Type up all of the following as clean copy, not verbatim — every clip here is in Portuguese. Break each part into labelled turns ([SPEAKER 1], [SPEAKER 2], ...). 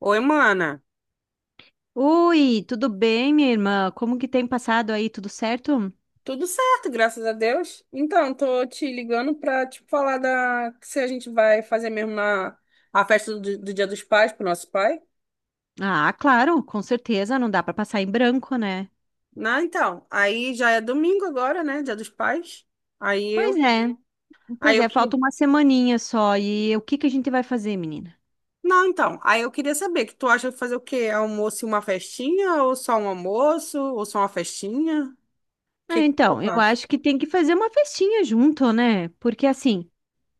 [SPEAKER 1] Oi, mana.
[SPEAKER 2] Oi, tudo bem, minha irmã? Como que tem passado aí? Tudo certo?
[SPEAKER 1] Tudo certo, graças a Deus. Então, tô te ligando pra tipo falar da se a gente vai fazer mesmo na a festa do Dia dos Pais pro nosso pai.
[SPEAKER 2] Ah, claro, com certeza, não dá para passar em branco, né?
[SPEAKER 1] Não, então, aí já é domingo agora, né? Dia dos Pais. Aí
[SPEAKER 2] Pois
[SPEAKER 1] eu,
[SPEAKER 2] é,
[SPEAKER 1] aí
[SPEAKER 2] pois
[SPEAKER 1] eu
[SPEAKER 2] é, falta
[SPEAKER 1] que
[SPEAKER 2] uma semaninha só. E o que que a gente vai fazer, menina?
[SPEAKER 1] Não, então, aí eu queria saber que tu acha de fazer o quê? Almoço e uma festinha ou só um almoço ou só uma festinha? O
[SPEAKER 2] Ah,
[SPEAKER 1] que que tu
[SPEAKER 2] então, eu
[SPEAKER 1] acha?
[SPEAKER 2] acho que tem que fazer uma festinha junto, né? Porque assim,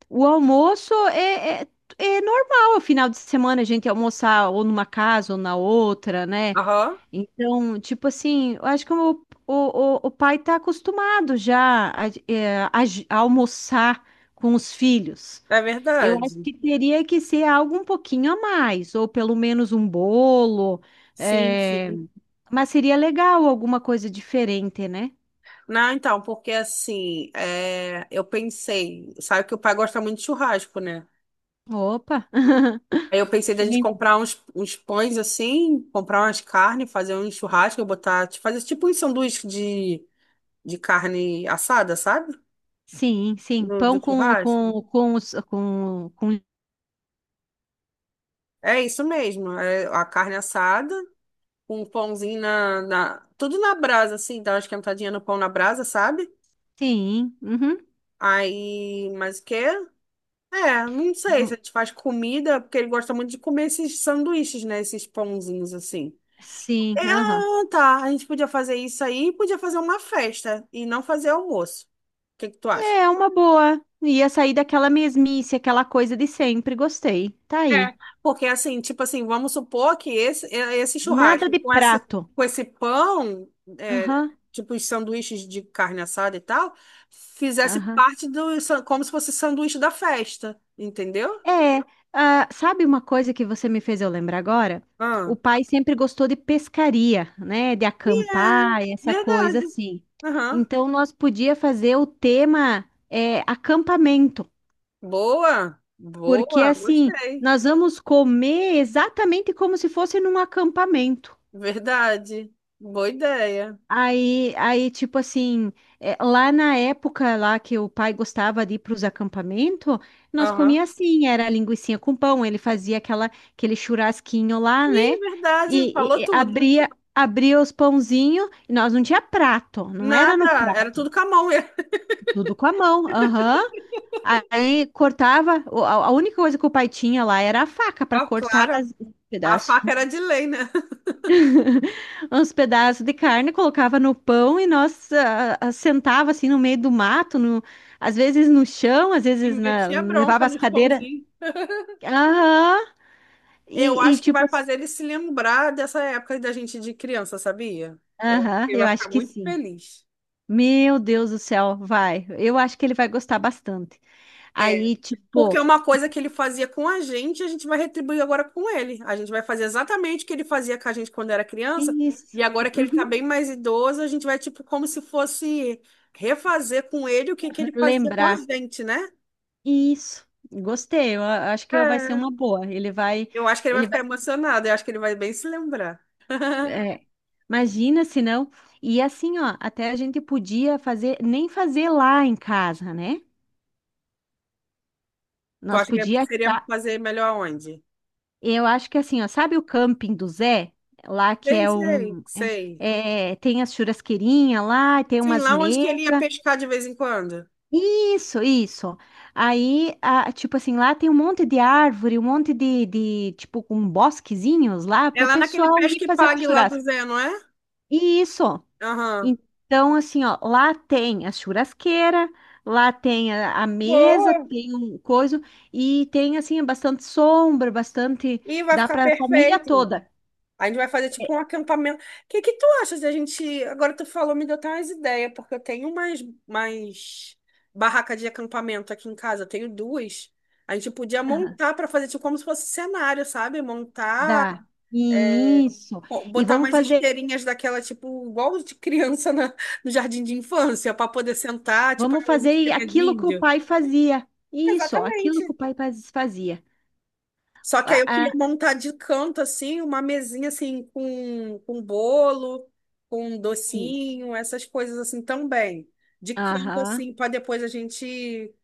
[SPEAKER 2] o almoço é normal, o final de semana a gente almoçar ou numa casa ou na outra, né?
[SPEAKER 1] Aham,
[SPEAKER 2] Então, tipo assim, eu acho que o, o pai está acostumado já a, a a almoçar com os filhos.
[SPEAKER 1] é
[SPEAKER 2] Eu acho
[SPEAKER 1] verdade.
[SPEAKER 2] que teria que ser algo um pouquinho a mais, ou pelo menos um bolo,
[SPEAKER 1] Sim,
[SPEAKER 2] é,
[SPEAKER 1] sim.
[SPEAKER 2] mas seria legal alguma coisa diferente, né?
[SPEAKER 1] Não, então, porque assim, eu pensei, sabe que o pai gosta muito de churrasco, né?
[SPEAKER 2] Opa!
[SPEAKER 1] Aí eu pensei da gente
[SPEAKER 2] Sim,
[SPEAKER 1] comprar uns pães assim, comprar umas carnes, fazer um churrasco, eu botar, tipo, fazer tipo um sanduíche de carne assada, sabe?
[SPEAKER 2] sim, sim.
[SPEAKER 1] Do
[SPEAKER 2] Pão
[SPEAKER 1] churrasco.
[SPEAKER 2] com...
[SPEAKER 1] É isso mesmo, é a carne assada, com um pãozinho tudo na brasa, assim, dar uma esquentadinha no pão na brasa, sabe?
[SPEAKER 2] Sim, uhum.
[SPEAKER 1] Aí, mais o quê? É, não sei se a gente faz comida, porque ele gosta muito de comer esses sanduíches, né? Esses pãozinhos assim. É,
[SPEAKER 2] Sim, aham.
[SPEAKER 1] ah, tá. A gente podia fazer isso aí e podia fazer uma festa e não fazer almoço. O que que tu acha?
[SPEAKER 2] É uma boa. Ia sair daquela mesmice, aquela coisa de sempre. Gostei. Tá aí.
[SPEAKER 1] É. Porque assim, tipo assim, vamos supor que esse
[SPEAKER 2] Nada
[SPEAKER 1] churrasco
[SPEAKER 2] de
[SPEAKER 1] com essa,
[SPEAKER 2] prato.
[SPEAKER 1] com esse pão, é,
[SPEAKER 2] Aham,
[SPEAKER 1] tipo os sanduíches de carne assada e tal, fizesse
[SPEAKER 2] aham.
[SPEAKER 1] parte como se fosse sanduíche da festa, entendeu?
[SPEAKER 2] É, ah, sabe uma coisa que você me fez eu lembrar agora? O
[SPEAKER 1] Ah.
[SPEAKER 2] pai sempre gostou de pescaria, né? De
[SPEAKER 1] E é
[SPEAKER 2] acampar, essa
[SPEAKER 1] verdade.
[SPEAKER 2] coisa assim.
[SPEAKER 1] Aham.
[SPEAKER 2] Então, nós podia fazer o tema acampamento,
[SPEAKER 1] Boa,
[SPEAKER 2] porque
[SPEAKER 1] boa,
[SPEAKER 2] assim,
[SPEAKER 1] gostei.
[SPEAKER 2] nós vamos comer exatamente como se fosse num acampamento.
[SPEAKER 1] Verdade. Boa ideia.
[SPEAKER 2] Aí, tipo assim, lá na época lá que o pai gostava de ir para os acampamentos, nós
[SPEAKER 1] Aham.
[SPEAKER 2] comia assim, era linguicinha com pão, ele fazia aquela, aquele churrasquinho lá,
[SPEAKER 1] Sim,
[SPEAKER 2] né?
[SPEAKER 1] verdade, falou
[SPEAKER 2] E
[SPEAKER 1] tudo.
[SPEAKER 2] abria, abria os pãozinhos, e nós não tinha prato, não era no
[SPEAKER 1] Nada, era
[SPEAKER 2] prato,
[SPEAKER 1] tudo com a mão mesmo.
[SPEAKER 2] tudo com a mão, aham. Aí cortava, a única coisa que o pai tinha lá era a faca para
[SPEAKER 1] Ó,
[SPEAKER 2] cortar
[SPEAKER 1] claro,
[SPEAKER 2] os
[SPEAKER 1] a
[SPEAKER 2] pedaços.
[SPEAKER 1] faca era de lei, né?
[SPEAKER 2] Uns pedaços de carne, colocava no pão e nós ah, ah, sentava assim no meio do mato, às vezes no chão,
[SPEAKER 1] E metia bronca
[SPEAKER 2] levava as
[SPEAKER 1] nos
[SPEAKER 2] cadeiras.
[SPEAKER 1] pãozinhos.
[SPEAKER 2] Aham,
[SPEAKER 1] Eu
[SPEAKER 2] e
[SPEAKER 1] acho que
[SPEAKER 2] tipo
[SPEAKER 1] vai
[SPEAKER 2] assim,
[SPEAKER 1] fazer ele se lembrar dessa época da gente de criança, sabia?
[SPEAKER 2] aham,
[SPEAKER 1] Ele
[SPEAKER 2] eu
[SPEAKER 1] vai ficar
[SPEAKER 2] acho que
[SPEAKER 1] muito
[SPEAKER 2] sim.
[SPEAKER 1] feliz.
[SPEAKER 2] Meu Deus do céu, vai. Eu acho que ele vai gostar bastante.
[SPEAKER 1] É.
[SPEAKER 2] Aí,
[SPEAKER 1] Porque é
[SPEAKER 2] tipo,
[SPEAKER 1] uma coisa que ele fazia com a gente vai retribuir agora com ele. A gente vai fazer exatamente o que ele fazia com a gente quando era criança.
[SPEAKER 2] isso.
[SPEAKER 1] E agora que ele tá
[SPEAKER 2] Uhum,
[SPEAKER 1] bem mais idoso, a gente vai, tipo, como se fosse refazer com ele o que que ele fazia com a
[SPEAKER 2] lembrar.
[SPEAKER 1] gente, né?
[SPEAKER 2] Isso. Gostei. Eu acho que vai ser
[SPEAKER 1] É.
[SPEAKER 2] uma boa. Ele vai.
[SPEAKER 1] Eu acho que ele vai
[SPEAKER 2] Ele
[SPEAKER 1] ficar emocionado. Eu acho que ele vai bem se lembrar.
[SPEAKER 2] é, imagina se não. E assim, ó, até a gente podia fazer, nem fazer lá em casa, né?
[SPEAKER 1] Tu
[SPEAKER 2] Nós
[SPEAKER 1] acha que
[SPEAKER 2] podia
[SPEAKER 1] seria
[SPEAKER 2] achar,
[SPEAKER 1] fazer melhor onde?
[SPEAKER 2] eu acho que assim, ó, sabe o camping do Zé? Lá que
[SPEAKER 1] Sei, sei, sei.
[SPEAKER 2] tem as churrasqueirinhas lá, tem
[SPEAKER 1] Sim,
[SPEAKER 2] umas
[SPEAKER 1] lá onde que ele ia
[SPEAKER 2] mesas.
[SPEAKER 1] pescar de vez em quando.
[SPEAKER 2] Isso, isso. Aí, tipo assim, lá tem um monte de árvore, um monte de tipo, com bosquezinhos lá
[SPEAKER 1] É
[SPEAKER 2] para o
[SPEAKER 1] lá naquele
[SPEAKER 2] pessoal ir fazer um
[SPEAKER 1] pesque-pague lá do
[SPEAKER 2] churrasco.
[SPEAKER 1] Zé, não é?
[SPEAKER 2] Isso.
[SPEAKER 1] Aham.
[SPEAKER 2] Então, assim, ó, lá tem a churrasqueira, lá tem a mesa,
[SPEAKER 1] Boa.
[SPEAKER 2] tem um coisa, e tem, assim, bastante sombra, bastante.
[SPEAKER 1] E vai
[SPEAKER 2] Dá
[SPEAKER 1] ficar
[SPEAKER 2] para a família
[SPEAKER 1] perfeito.
[SPEAKER 2] toda.
[SPEAKER 1] A gente vai fazer
[SPEAKER 2] É,
[SPEAKER 1] tipo um acampamento. O que que tu achas de a gente. Agora tu falou, me deu até umas ideias, porque eu tenho umas barracas de acampamento aqui em casa, eu tenho duas. A gente podia montar para fazer tipo como se fosse cenário, sabe? Montar,
[SPEAKER 2] dá.
[SPEAKER 1] é,
[SPEAKER 2] Isso.
[SPEAKER 1] bo-
[SPEAKER 2] E
[SPEAKER 1] botar
[SPEAKER 2] vamos
[SPEAKER 1] umas
[SPEAKER 2] fazer,
[SPEAKER 1] esteirinhas daquela, tipo, igual de criança no jardim de infância, para poder sentar, tipo
[SPEAKER 2] vamos
[SPEAKER 1] aquelas
[SPEAKER 2] fazer
[SPEAKER 1] esteiras de
[SPEAKER 2] aquilo que o
[SPEAKER 1] índio.
[SPEAKER 2] pai fazia. Isso, aquilo que o
[SPEAKER 1] Exatamente.
[SPEAKER 2] pai fazia.
[SPEAKER 1] Só que aí
[SPEAKER 2] Ah,
[SPEAKER 1] eu
[SPEAKER 2] ah,
[SPEAKER 1] queria montar de canto, assim, uma mesinha, assim, com bolo, com
[SPEAKER 2] isso.
[SPEAKER 1] docinho, essas coisas, assim, também. De canto,
[SPEAKER 2] Aham.
[SPEAKER 1] assim, para depois a gente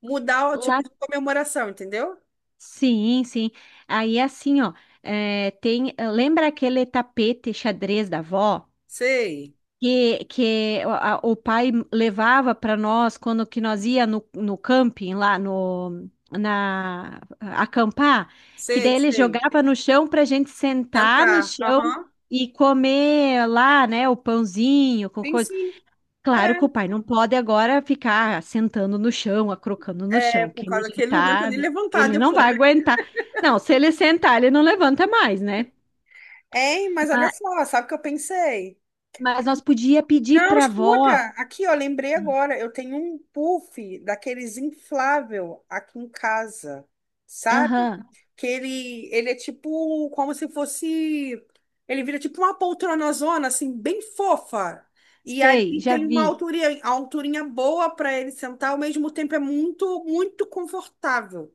[SPEAKER 1] mudar o
[SPEAKER 2] Lá,
[SPEAKER 1] tipo de comemoração, entendeu?
[SPEAKER 2] sim, sim. Aí, assim, ó, é, tem. Lembra aquele tapete xadrez da avó?
[SPEAKER 1] Sei,
[SPEAKER 2] Que o pai levava para nós quando que nós ia no camping lá no na acampar, que daí
[SPEAKER 1] sei,
[SPEAKER 2] ele
[SPEAKER 1] sei.
[SPEAKER 2] jogava no chão para a gente sentar no
[SPEAKER 1] Tentar.
[SPEAKER 2] chão
[SPEAKER 1] Aham.
[SPEAKER 2] e comer lá, né, o pãozinho com
[SPEAKER 1] Sim,
[SPEAKER 2] coisa.
[SPEAKER 1] sim.
[SPEAKER 2] Claro que o
[SPEAKER 1] É.
[SPEAKER 2] pai não pode agora ficar sentando no chão, acrocando no
[SPEAKER 1] É,
[SPEAKER 2] chão,
[SPEAKER 1] por
[SPEAKER 2] que ele
[SPEAKER 1] causa que
[SPEAKER 2] já
[SPEAKER 1] ele não aguenta
[SPEAKER 2] tá,
[SPEAKER 1] nem levantar
[SPEAKER 2] ele não
[SPEAKER 1] depois,
[SPEAKER 2] vai
[SPEAKER 1] né?
[SPEAKER 2] aguentar. Não, se ele sentar, ele não levanta mais, né?
[SPEAKER 1] Hein, mas olha
[SPEAKER 2] Ma-
[SPEAKER 1] só, sabe o que eu pensei?
[SPEAKER 2] mas, nós podia pedir
[SPEAKER 1] Não,
[SPEAKER 2] para a
[SPEAKER 1] escuta,
[SPEAKER 2] avó.
[SPEAKER 1] aqui, ó, lembrei agora, eu tenho um puff daqueles inflável aqui em casa, sabe?
[SPEAKER 2] Aham.
[SPEAKER 1] Que ele é tipo, como se fosse, ele vira tipo uma poltronazona, assim, bem fofa. E
[SPEAKER 2] Sei,
[SPEAKER 1] ali
[SPEAKER 2] já
[SPEAKER 1] tem uma
[SPEAKER 2] vi.
[SPEAKER 1] alturinha, a alturinha boa para ele sentar, ao mesmo tempo é muito, muito confortável.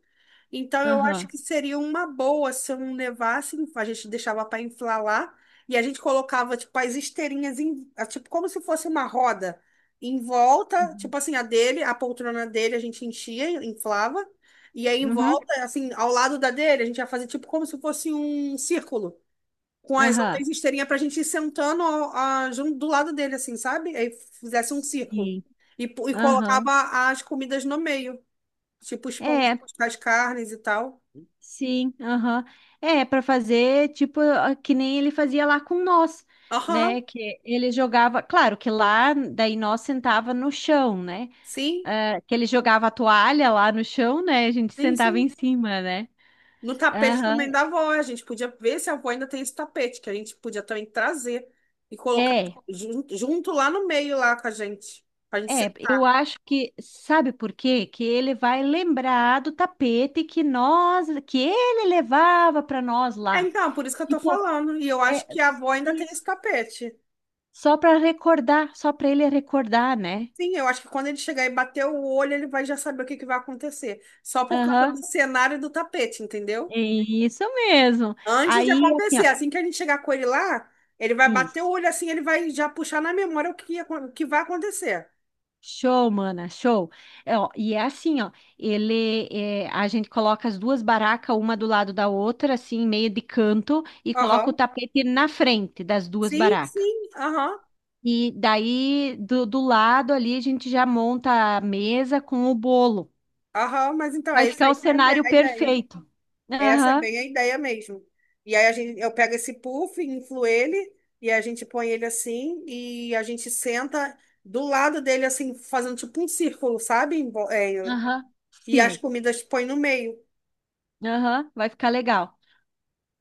[SPEAKER 1] Então, eu acho
[SPEAKER 2] Aham.
[SPEAKER 1] que seria uma boa se eu não levasse, a gente deixava para inflar lá e a gente colocava, tipo, as esteirinhas, tipo, como se fosse uma roda em volta,
[SPEAKER 2] Uhum.
[SPEAKER 1] tipo assim, a dele, a poltrona dele a gente enchia, inflava, e aí em
[SPEAKER 2] Uhum.
[SPEAKER 1] volta, assim, ao lado da dele, a gente ia fazer, tipo, como se fosse um círculo, com as
[SPEAKER 2] Aham.
[SPEAKER 1] outras esteirinhas para a gente ir sentando junto do lado dele, assim, sabe? Aí fizesse um círculo
[SPEAKER 2] Sim.
[SPEAKER 1] e
[SPEAKER 2] Aham.
[SPEAKER 1] colocava as comidas no meio, tipo, os pães,
[SPEAKER 2] É,
[SPEAKER 1] as carnes e tal.
[SPEAKER 2] sim. Aham. É, para fazer tipo ah, que nem ele fazia lá com nós,
[SPEAKER 1] Aham,
[SPEAKER 2] né? Que ele jogava, claro que lá daí nós sentava no chão, né?
[SPEAKER 1] sim,
[SPEAKER 2] Ah, que ele jogava a toalha lá no chão, né? A gente
[SPEAKER 1] sim,
[SPEAKER 2] sentava
[SPEAKER 1] sim.
[SPEAKER 2] em cima, né?
[SPEAKER 1] No tapete
[SPEAKER 2] Aham.
[SPEAKER 1] também da avó, a gente podia ver se a avó ainda tem esse tapete, que a gente podia também trazer e colocar
[SPEAKER 2] É.
[SPEAKER 1] junto, lá no meio, lá com a gente, pra gente
[SPEAKER 2] É, eu
[SPEAKER 1] sentar.
[SPEAKER 2] acho que, sabe por quê? Que ele vai lembrar do tapete que nós, que ele levava para nós
[SPEAKER 1] É,
[SPEAKER 2] lá.
[SPEAKER 1] então, por isso que eu tô
[SPEAKER 2] Tipo,
[SPEAKER 1] falando. E eu
[SPEAKER 2] é
[SPEAKER 1] acho que a avó ainda tem esse
[SPEAKER 2] isso.
[SPEAKER 1] tapete.
[SPEAKER 2] Só para recordar, só para ele recordar, né?
[SPEAKER 1] Sim, eu acho que quando ele chegar e bater o olho, ele vai já saber o que que vai acontecer. Só por causa
[SPEAKER 2] Aham.
[SPEAKER 1] do cenário do tapete, entendeu?
[SPEAKER 2] É isso mesmo.
[SPEAKER 1] Antes de
[SPEAKER 2] Aí, assim,
[SPEAKER 1] acontecer,
[SPEAKER 2] ó,
[SPEAKER 1] assim que a gente chegar com ele lá, ele vai bater o
[SPEAKER 2] isso.
[SPEAKER 1] olho assim, ele vai já puxar na memória o que, ia o que vai acontecer.
[SPEAKER 2] Show, mana, show. É, ó, e é assim, ó, ele, é, a gente coloca as duas barracas, uma do lado da outra, assim, meio de canto, e coloca o
[SPEAKER 1] Aham.
[SPEAKER 2] tapete na frente das duas
[SPEAKER 1] Sim,
[SPEAKER 2] barracas.
[SPEAKER 1] sim, aham,
[SPEAKER 2] E daí, do lado ali, a gente já monta a mesa com o bolo.
[SPEAKER 1] aham, mas então
[SPEAKER 2] Vai
[SPEAKER 1] é isso
[SPEAKER 2] ficar
[SPEAKER 1] aí
[SPEAKER 2] o
[SPEAKER 1] que é a
[SPEAKER 2] cenário
[SPEAKER 1] ideia.
[SPEAKER 2] perfeito.
[SPEAKER 1] Essa é
[SPEAKER 2] Aham,
[SPEAKER 1] bem a ideia mesmo. E aí eu pego esse puff, inflo ele, e a gente põe ele assim, e a gente senta do lado dele, assim, fazendo tipo um círculo, sabe? Em vo- é,
[SPEAKER 2] aham,
[SPEAKER 1] e as
[SPEAKER 2] sim.
[SPEAKER 1] comidas põe no meio.
[SPEAKER 2] Aham, vai ficar legal.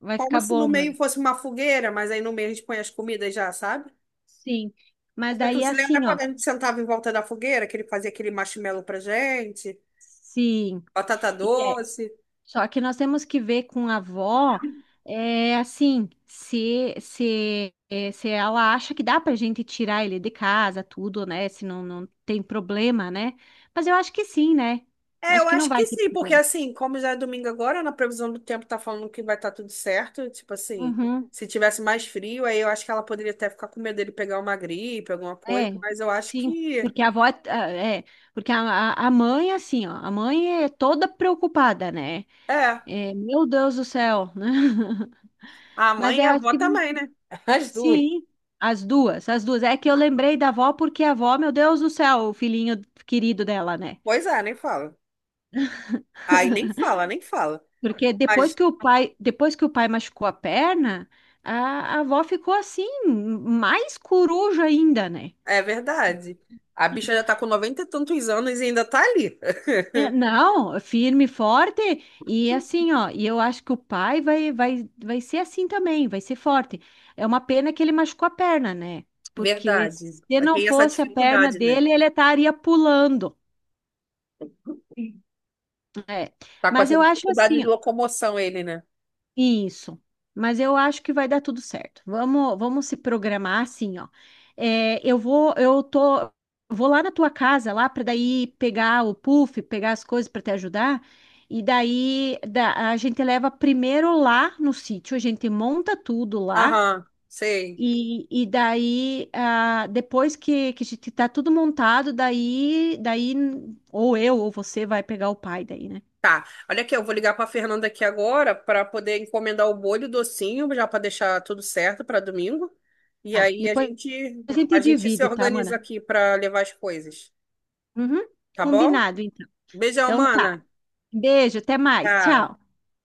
[SPEAKER 2] Vai
[SPEAKER 1] Como
[SPEAKER 2] ficar
[SPEAKER 1] se no
[SPEAKER 2] bom, mano.
[SPEAKER 1] meio fosse uma fogueira, mas aí no meio a gente põe as comidas já, sabe?
[SPEAKER 2] Sim. Mas
[SPEAKER 1] Porque tu
[SPEAKER 2] daí,
[SPEAKER 1] se lembra
[SPEAKER 2] assim, ó.
[SPEAKER 1] quando a gente sentava em volta da fogueira, que ele fazia aquele marshmallow pra gente,
[SPEAKER 2] Sim.
[SPEAKER 1] batata doce.
[SPEAKER 2] Só que nós temos que ver com a avó, é, assim, se, é, se ela acha que dá pra gente tirar ele de casa, tudo, né? Se não, não tem problema, né? Mas eu acho que sim, né?
[SPEAKER 1] É,
[SPEAKER 2] Acho
[SPEAKER 1] eu
[SPEAKER 2] que não
[SPEAKER 1] acho
[SPEAKER 2] vai
[SPEAKER 1] que
[SPEAKER 2] ter
[SPEAKER 1] sim, porque
[SPEAKER 2] problema.
[SPEAKER 1] assim, como já é domingo agora, na previsão do tempo tá falando que vai estar tudo certo, tipo assim,
[SPEAKER 2] Uhum.
[SPEAKER 1] se tivesse mais frio, aí eu acho que ela poderia até ficar com medo dele pegar uma gripe, alguma coisa,
[SPEAKER 2] É,
[SPEAKER 1] mas eu acho
[SPEAKER 2] sim,
[SPEAKER 1] que
[SPEAKER 2] porque a avó, é, porque a mãe, assim, ó, a mãe é toda preocupada, né?
[SPEAKER 1] é,
[SPEAKER 2] É, meu Deus do céu, né?
[SPEAKER 1] a
[SPEAKER 2] Mas
[SPEAKER 1] mãe e
[SPEAKER 2] eu
[SPEAKER 1] a
[SPEAKER 2] acho
[SPEAKER 1] avó
[SPEAKER 2] que
[SPEAKER 1] também, né? As duas.
[SPEAKER 2] sim, as duas, as duas. É que eu lembrei da avó porque a avó, meu Deus do céu, o filhinho querido dela, né?
[SPEAKER 1] Pois é, nem fala. Aí nem fala, nem fala.
[SPEAKER 2] Porque depois
[SPEAKER 1] Mas
[SPEAKER 2] que o pai, depois que o pai machucou a perna, a avó ficou assim, mais coruja ainda, né?
[SPEAKER 1] é verdade. A bicha já tá com 90 e tantos anos e ainda tá ali.
[SPEAKER 2] É, não, firme e forte e assim, ó. E eu acho que o pai vai ser assim também, vai ser forte. É uma pena que ele machucou a perna, né? Porque
[SPEAKER 1] Verdade.
[SPEAKER 2] se
[SPEAKER 1] Mas
[SPEAKER 2] não
[SPEAKER 1] tem essa
[SPEAKER 2] fosse a perna
[SPEAKER 1] dificuldade, né?
[SPEAKER 2] dele, ele estaria pulando.
[SPEAKER 1] Sim.
[SPEAKER 2] É.
[SPEAKER 1] Tá com
[SPEAKER 2] Mas
[SPEAKER 1] essa
[SPEAKER 2] eu acho
[SPEAKER 1] dificuldade de
[SPEAKER 2] assim,
[SPEAKER 1] locomoção ele, né?
[SPEAKER 2] isso, mas eu acho que vai dar tudo certo. Vamos se programar assim, ó. É, eu vou, eu tô, vou lá na tua casa lá para daí pegar o puff, pegar as coisas para te ajudar. E daí a gente leva primeiro lá no sítio, a gente monta tudo lá.
[SPEAKER 1] Aham, sei.
[SPEAKER 2] E daí, ah, depois que a gente tá tudo montado, daí, ou eu ou você vai pegar o pai daí, né?
[SPEAKER 1] Tá. Olha aqui, eu vou ligar para Fernanda aqui agora para poder encomendar o bolho e o docinho, já para deixar tudo certo para domingo. E
[SPEAKER 2] Tá.
[SPEAKER 1] aí a
[SPEAKER 2] Depois
[SPEAKER 1] gente
[SPEAKER 2] a
[SPEAKER 1] a
[SPEAKER 2] gente
[SPEAKER 1] gente se
[SPEAKER 2] divide, tá,
[SPEAKER 1] organiza
[SPEAKER 2] mana?
[SPEAKER 1] aqui para levar as coisas,
[SPEAKER 2] Uhum,
[SPEAKER 1] tá bom?
[SPEAKER 2] combinado, então.
[SPEAKER 1] Beijão,
[SPEAKER 2] Então tá.
[SPEAKER 1] mana.
[SPEAKER 2] Beijo, até mais.
[SPEAKER 1] Tchau.
[SPEAKER 2] Tchau.